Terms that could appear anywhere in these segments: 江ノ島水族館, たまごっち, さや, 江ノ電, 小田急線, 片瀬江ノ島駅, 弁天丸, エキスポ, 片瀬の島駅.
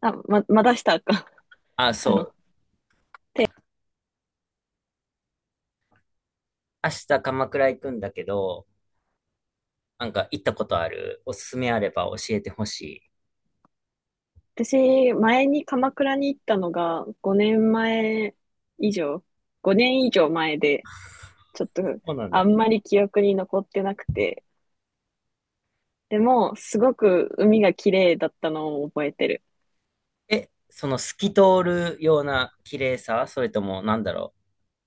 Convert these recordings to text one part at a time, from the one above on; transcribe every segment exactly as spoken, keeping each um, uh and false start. あ、ま、まだしたか。あ、あの、そう。明日鎌倉行くんだけど、なんか行ったことある？おすすめあれば教えてほしい。私、前に鎌倉に行ったのがごねんまえ以上、ごねん以上前で、ちょっとそうなんあだ。んまり記憶に残ってなくて、でも、すごく海が綺麗だったのを覚えてる。え、その透き通るような綺麗さ、それともなんだろ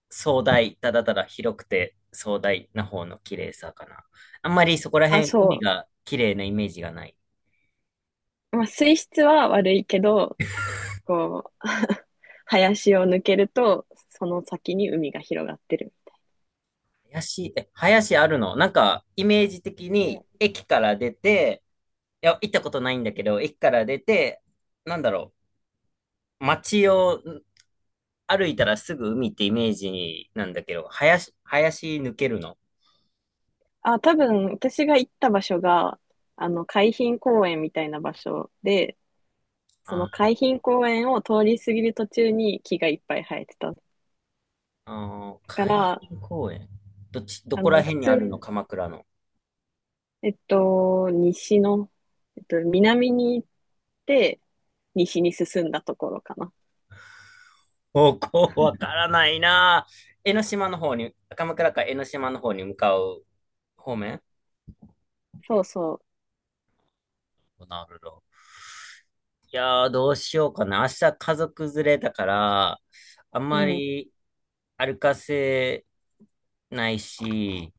う、壮大、ただただ広くて壮大な方の綺麗さかな。あんまりそこらあ、辺、海そが綺麗なイメージがない。う。まあ、水質は悪いけど、こう、林を抜けると、その先に海が広がってる。林、え、林あるの？なんか、イメージ的うにん。駅から出て、いや、行ったことないんだけど、駅から出て、なんだろう、街を歩いたらすぐ海ってイメージなんだけど、林、林抜けるの？あ、多分、私が行った場所が、あの、海浜公園みたいな場所で、そのあ、海浜公園を通り過ぎる途中に木がいっぱい生えてた。だあー、か海ら、浜公園。どっち、どあこらの、普辺に通あるのに、鎌倉の？えっと、西の、えっと、南に行って、西に進んだところかな。方向わからないなぁ。江ノ島の方に、鎌倉か江ノ島の方に向かう方面？そうそなるほど。いやー、どうしようかな。明日家族連れだから、あんう。うまん。り歩かせないし、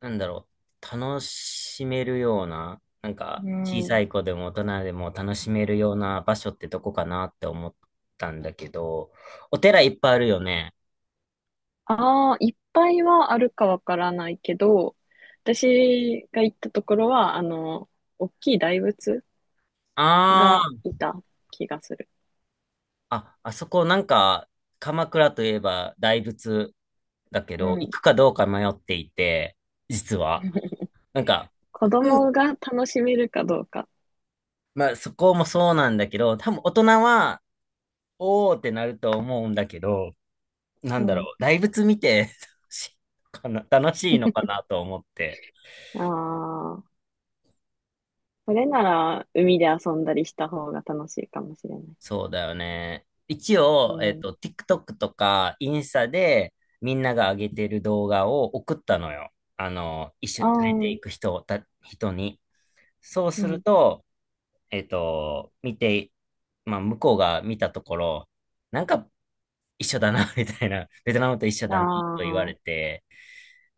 なんだろう、楽しめるような、なんかう小さん。い子でも大人でも楽しめるような場所ってどこかなって思ったんだけど、お寺いっぱいあるよね。ああ、いっぱいはあるかわからないけど、私が行ったところは、あの、大きい大仏があいた気がする。あ、あ、あそこなんか、鎌倉といえば大仏だけうど、行ん。くかどうか迷っていて、実は。なんか、子うん、供が楽しめるかどうか。まあそこもそうなんだけど、多分大人は、おーってなると思うんだけど、なんうだろん。う、大仏見て 楽しいのかな、楽しいのかなと思って。ああ。それなら、海で遊んだりした方が楽しいかもしれない。そうだよね。一う応、えっん。と、TikTok とかインスタでみんなが上げてる動画を送ったのよ。あの、一緒あに連れてあ、いく人をた、人に。そううするん。と、えっと、見て、まあ、向こうが見たところ、なんか一緒だな、みたいな、ベトナムと一緒あだな、と言われあ、て、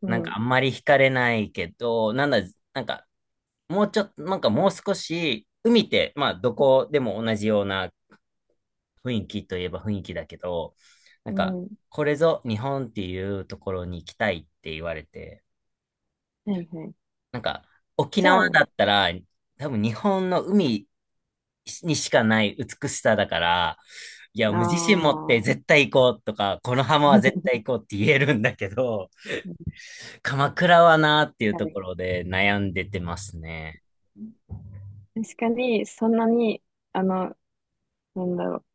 うなんかん。あんまり惹かれないけど、なんだ、なんかもうちょっと、なんかもう少し、海って、まあ、どこでも同じような雰囲気といえば雰囲気だけど、なんうか、ん。はこれぞ日本っていうところに行きたいって言われて、いはい。なんか、沖じゃ縄あ、だったら、多分日本の海にしかない美しさだから、いや、あもう自信持ってあ、絶対行こうとか、この浜は絶対 行こうって言えるんだけど、鎌倉はなーっていう確とかに。ころで悩んでてますね。確かに、そんなに、あの、なんだろう。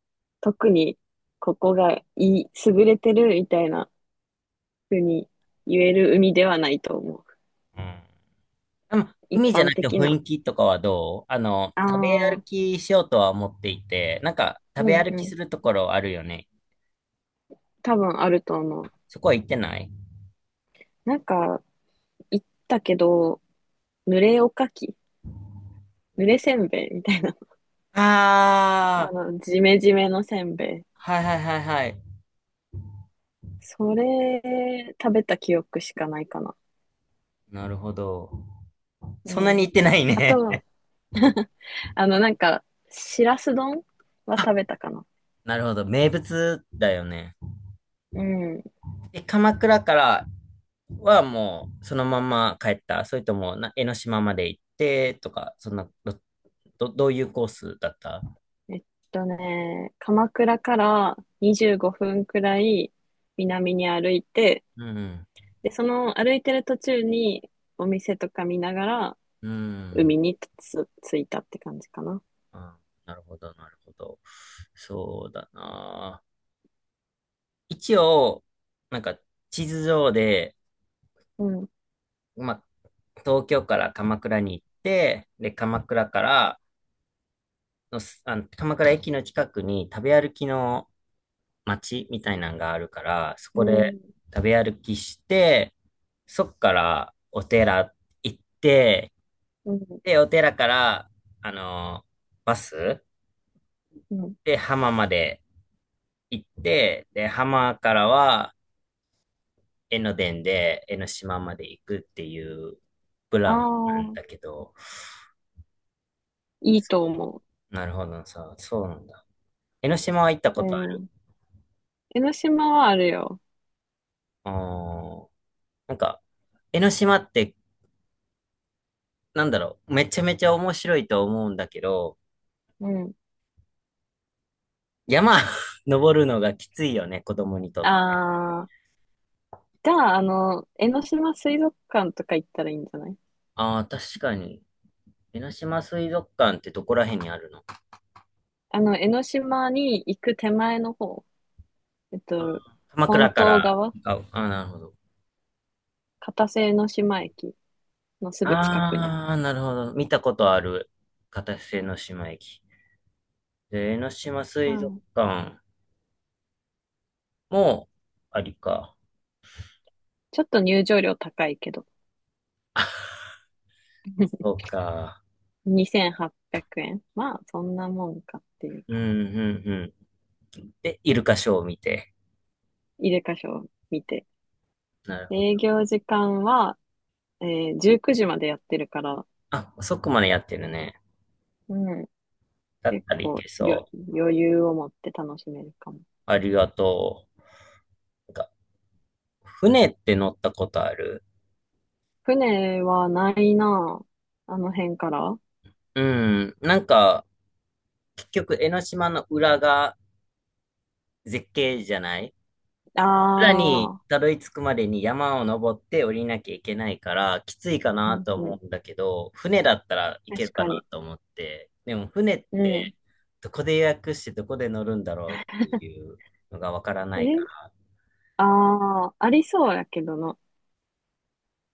特に、ここがいい、優れてるみたいな風に言える海ではないと思う。うん。でも一海じゃな般くて的雰な。囲気とかはどうあの、あ食べ歩あ、きしようとは思っていて、なんか食べうん歩うきん。するところあるよね。多分あると思う。そこは行ってない？なんか、行ったけど、濡れおかきぬれせんべいみたいな。あああー、の、ジメジメのせんべい。はいはいはいはい。それ、食べた記憶しかないかな。なるほど。うそんなにん。行ってないあね。と、あの、なんか、しらす丼 はあ、食べたかな。なるほど。名物だよね。うん。で、鎌倉からはもうそのまま帰った？それともな江ノ島まで行ってとか、そんな、ど、ど、どういうコースだった？えっとね、鎌倉からにじゅうごふんくらい南に歩いて、うん。で、その歩いてる途中にお店とか見ながらうん。海につ、着いたって感じかな。あー、なるほど、なるほど。そうだな。一応、なんか地図上で、うん。まあ、東京から鎌倉に行って、で、鎌倉からのす、あの、鎌倉駅の近くに食べ歩きの街みたいなのがあるから、そうこでん。食べ歩きして、そっからお寺行って、うん。で、お寺から、あの、バスうん。で浜まで行って、で、浜からは、江ノ電で江ノ島まで行くっていうプあランなんあ、だけど、いいそと思なるほどさ、そうなんだ。江ノ島は行ったう。うことある？ん。江ノ島はあるよ。あー、なんか、江ノ島って、なんだろう、めちゃめちゃ面白いと思うんだけど、うん。山 登るのがきついよね、子供にとって。ああ、じゃあ、あの、江ノ島水族館とか行ったらいいんじゃない？ああ、確かに。江ノ島水族館ってどこら辺にあるの？あの、江ノ島に行く手前の方、えっと、鎌本倉か島ら？側、あ、あ、なるほど。片瀬江ノ島駅のすぐ近くにある。ああ、なるほど。見たことある。片瀬の島駅。で、江ノ島う水族ん。館もありか。ちょっと入場料高いけど、そう か。にせんはっぴゃくえん。まあ、そんなもんかっていううん、か、うん、うん。で、イルカショーを見て。入れ箇所を見て。なるほど。営業時間は、えー、じゅうくじまでやってるから、あ、そこまでやってるね。うん、だっ結たらい構けよそう。余裕を持って楽しめるかも。ありがとう。なんか、船って乗ったことある？船はないなあ。あの辺から。あうん。なんか、結局、江ノ島の裏が絶景じゃない村にあ、たどり着くまでに山を登って降りなきゃいけないから、きついかうなんとう思ん。うんだけど、船だったらいける確かかなに。と思って、でも船っうん。てどこで予約してどこで乗るんだろうっていうのがわからないかえら、ああー、ありそうやけどな。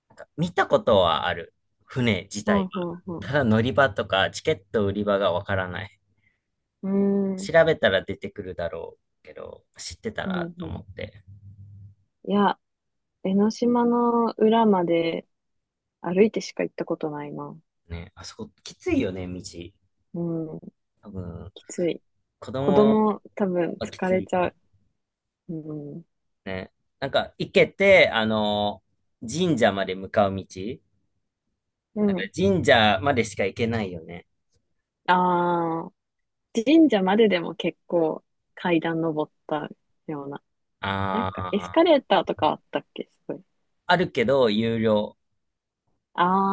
なんか見たことはある、船自う体んは。うたんだ乗り場とかチケット売り場がわからない。うん。うーん。調べたら出てくるだろうけど、知ってたうんらとうん。思って。いや、江ノ島の裏まで歩いてしか行ったことないな。ね、あそこきついよね、道。うん。多分、きつい。子子供供多分はき疲つれいちよゃね。う。うん。ね。なんか、行けて、あの、神社まで向かう道、うなんかん。神社までしか行けないよね。ああ。神社まででも結構階段登ったような。なんあかエスカあ、レーターとかあったっけすごい。あるけど、有料。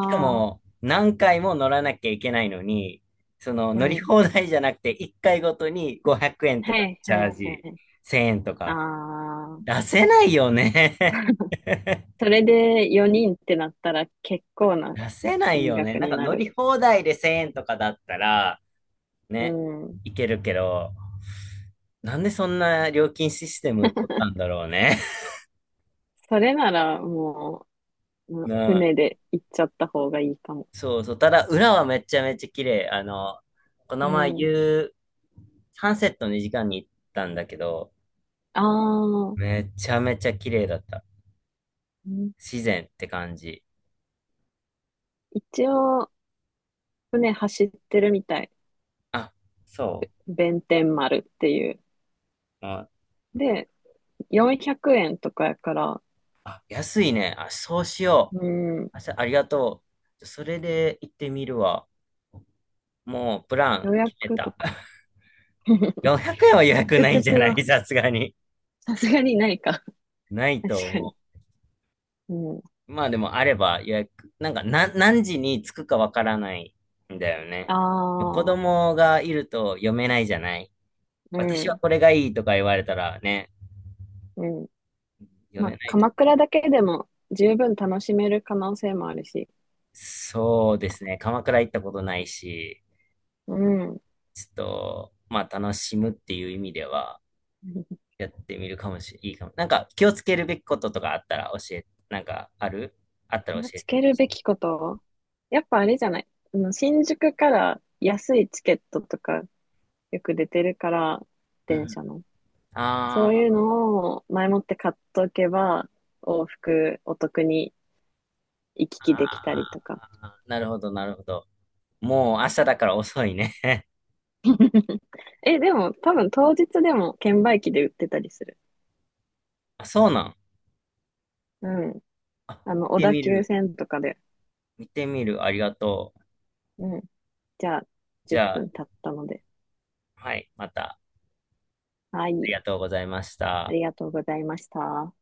しかあ、も、何回も乗らなきゃいけないのに、その、う乗りん。放題じゃなくて、いっかいごとにごひゃくえんとはかいチはャーいはジ、い。せんえんとあか。あ、出せないよね。それでよにんってなったら結構な出せない金よね。額なんにかな乗る。り放題でせんえんとかだったら、うね、ん。いけるけど、なんでそんな料金システム取ったんだろうね。それならもう、うんうん。船で行っちゃった方がいいかも。そうそう。ただ、裏はめちゃめちゃ綺麗。あの、こうの前、ん。夕、サンセットにじかんに行ったんだけど、ああ、うめちゃめちゃ綺麗だった。ん、自然って感じ。一応、船走ってるみたい。あ、そ弁天丸っていう。う。あ、で、よんひゃくえんとかやから、あ安いね。あ、そうしよう。うん。あ、さありがとう。それで行ってみるわ。もう、プラン予決め約とた。か。よんひゃくえんは予 約トゥクないトんゥじクゃないは、さすがに。さすがにないか。ないと確か思に。う。うん。まあでもあれば予約、なんかな何時に着くかわからないんだよね。あ子あ、供がいると読めないじゃない。う私はん、これがいいとか言われたらね、うん。読まあ、めないと。鎌倉だけでも十分楽しめる可能性もあるし。そうですね。鎌倉行ったことないし、うん。ちょっと、まあ楽しむっていう意味ではやってみるかもしれないいかも。なんか気をつけるべきこととかあったら教え、なんかあるあった気らを教えつてけほるしべい。きこと、やっぱあれじゃない。あの新宿から安いチケットとかよく出てるから、う電ん。車の。そういうあのを前もって買っとけば、往復お得に行き来できたりあ、とか。なるほど、なるほど。もう明日だから遅いね。え、でも、多分当日でも券売機で売ってたりする。あ、そうなの？うん。あ、あの、小見て田み急る。線とかで。見てみる。ありがとう。うん。じゃあ、じ10ゃあ、分経ったので。はい。また、あはりい。がとうございましあた。りがとうございました。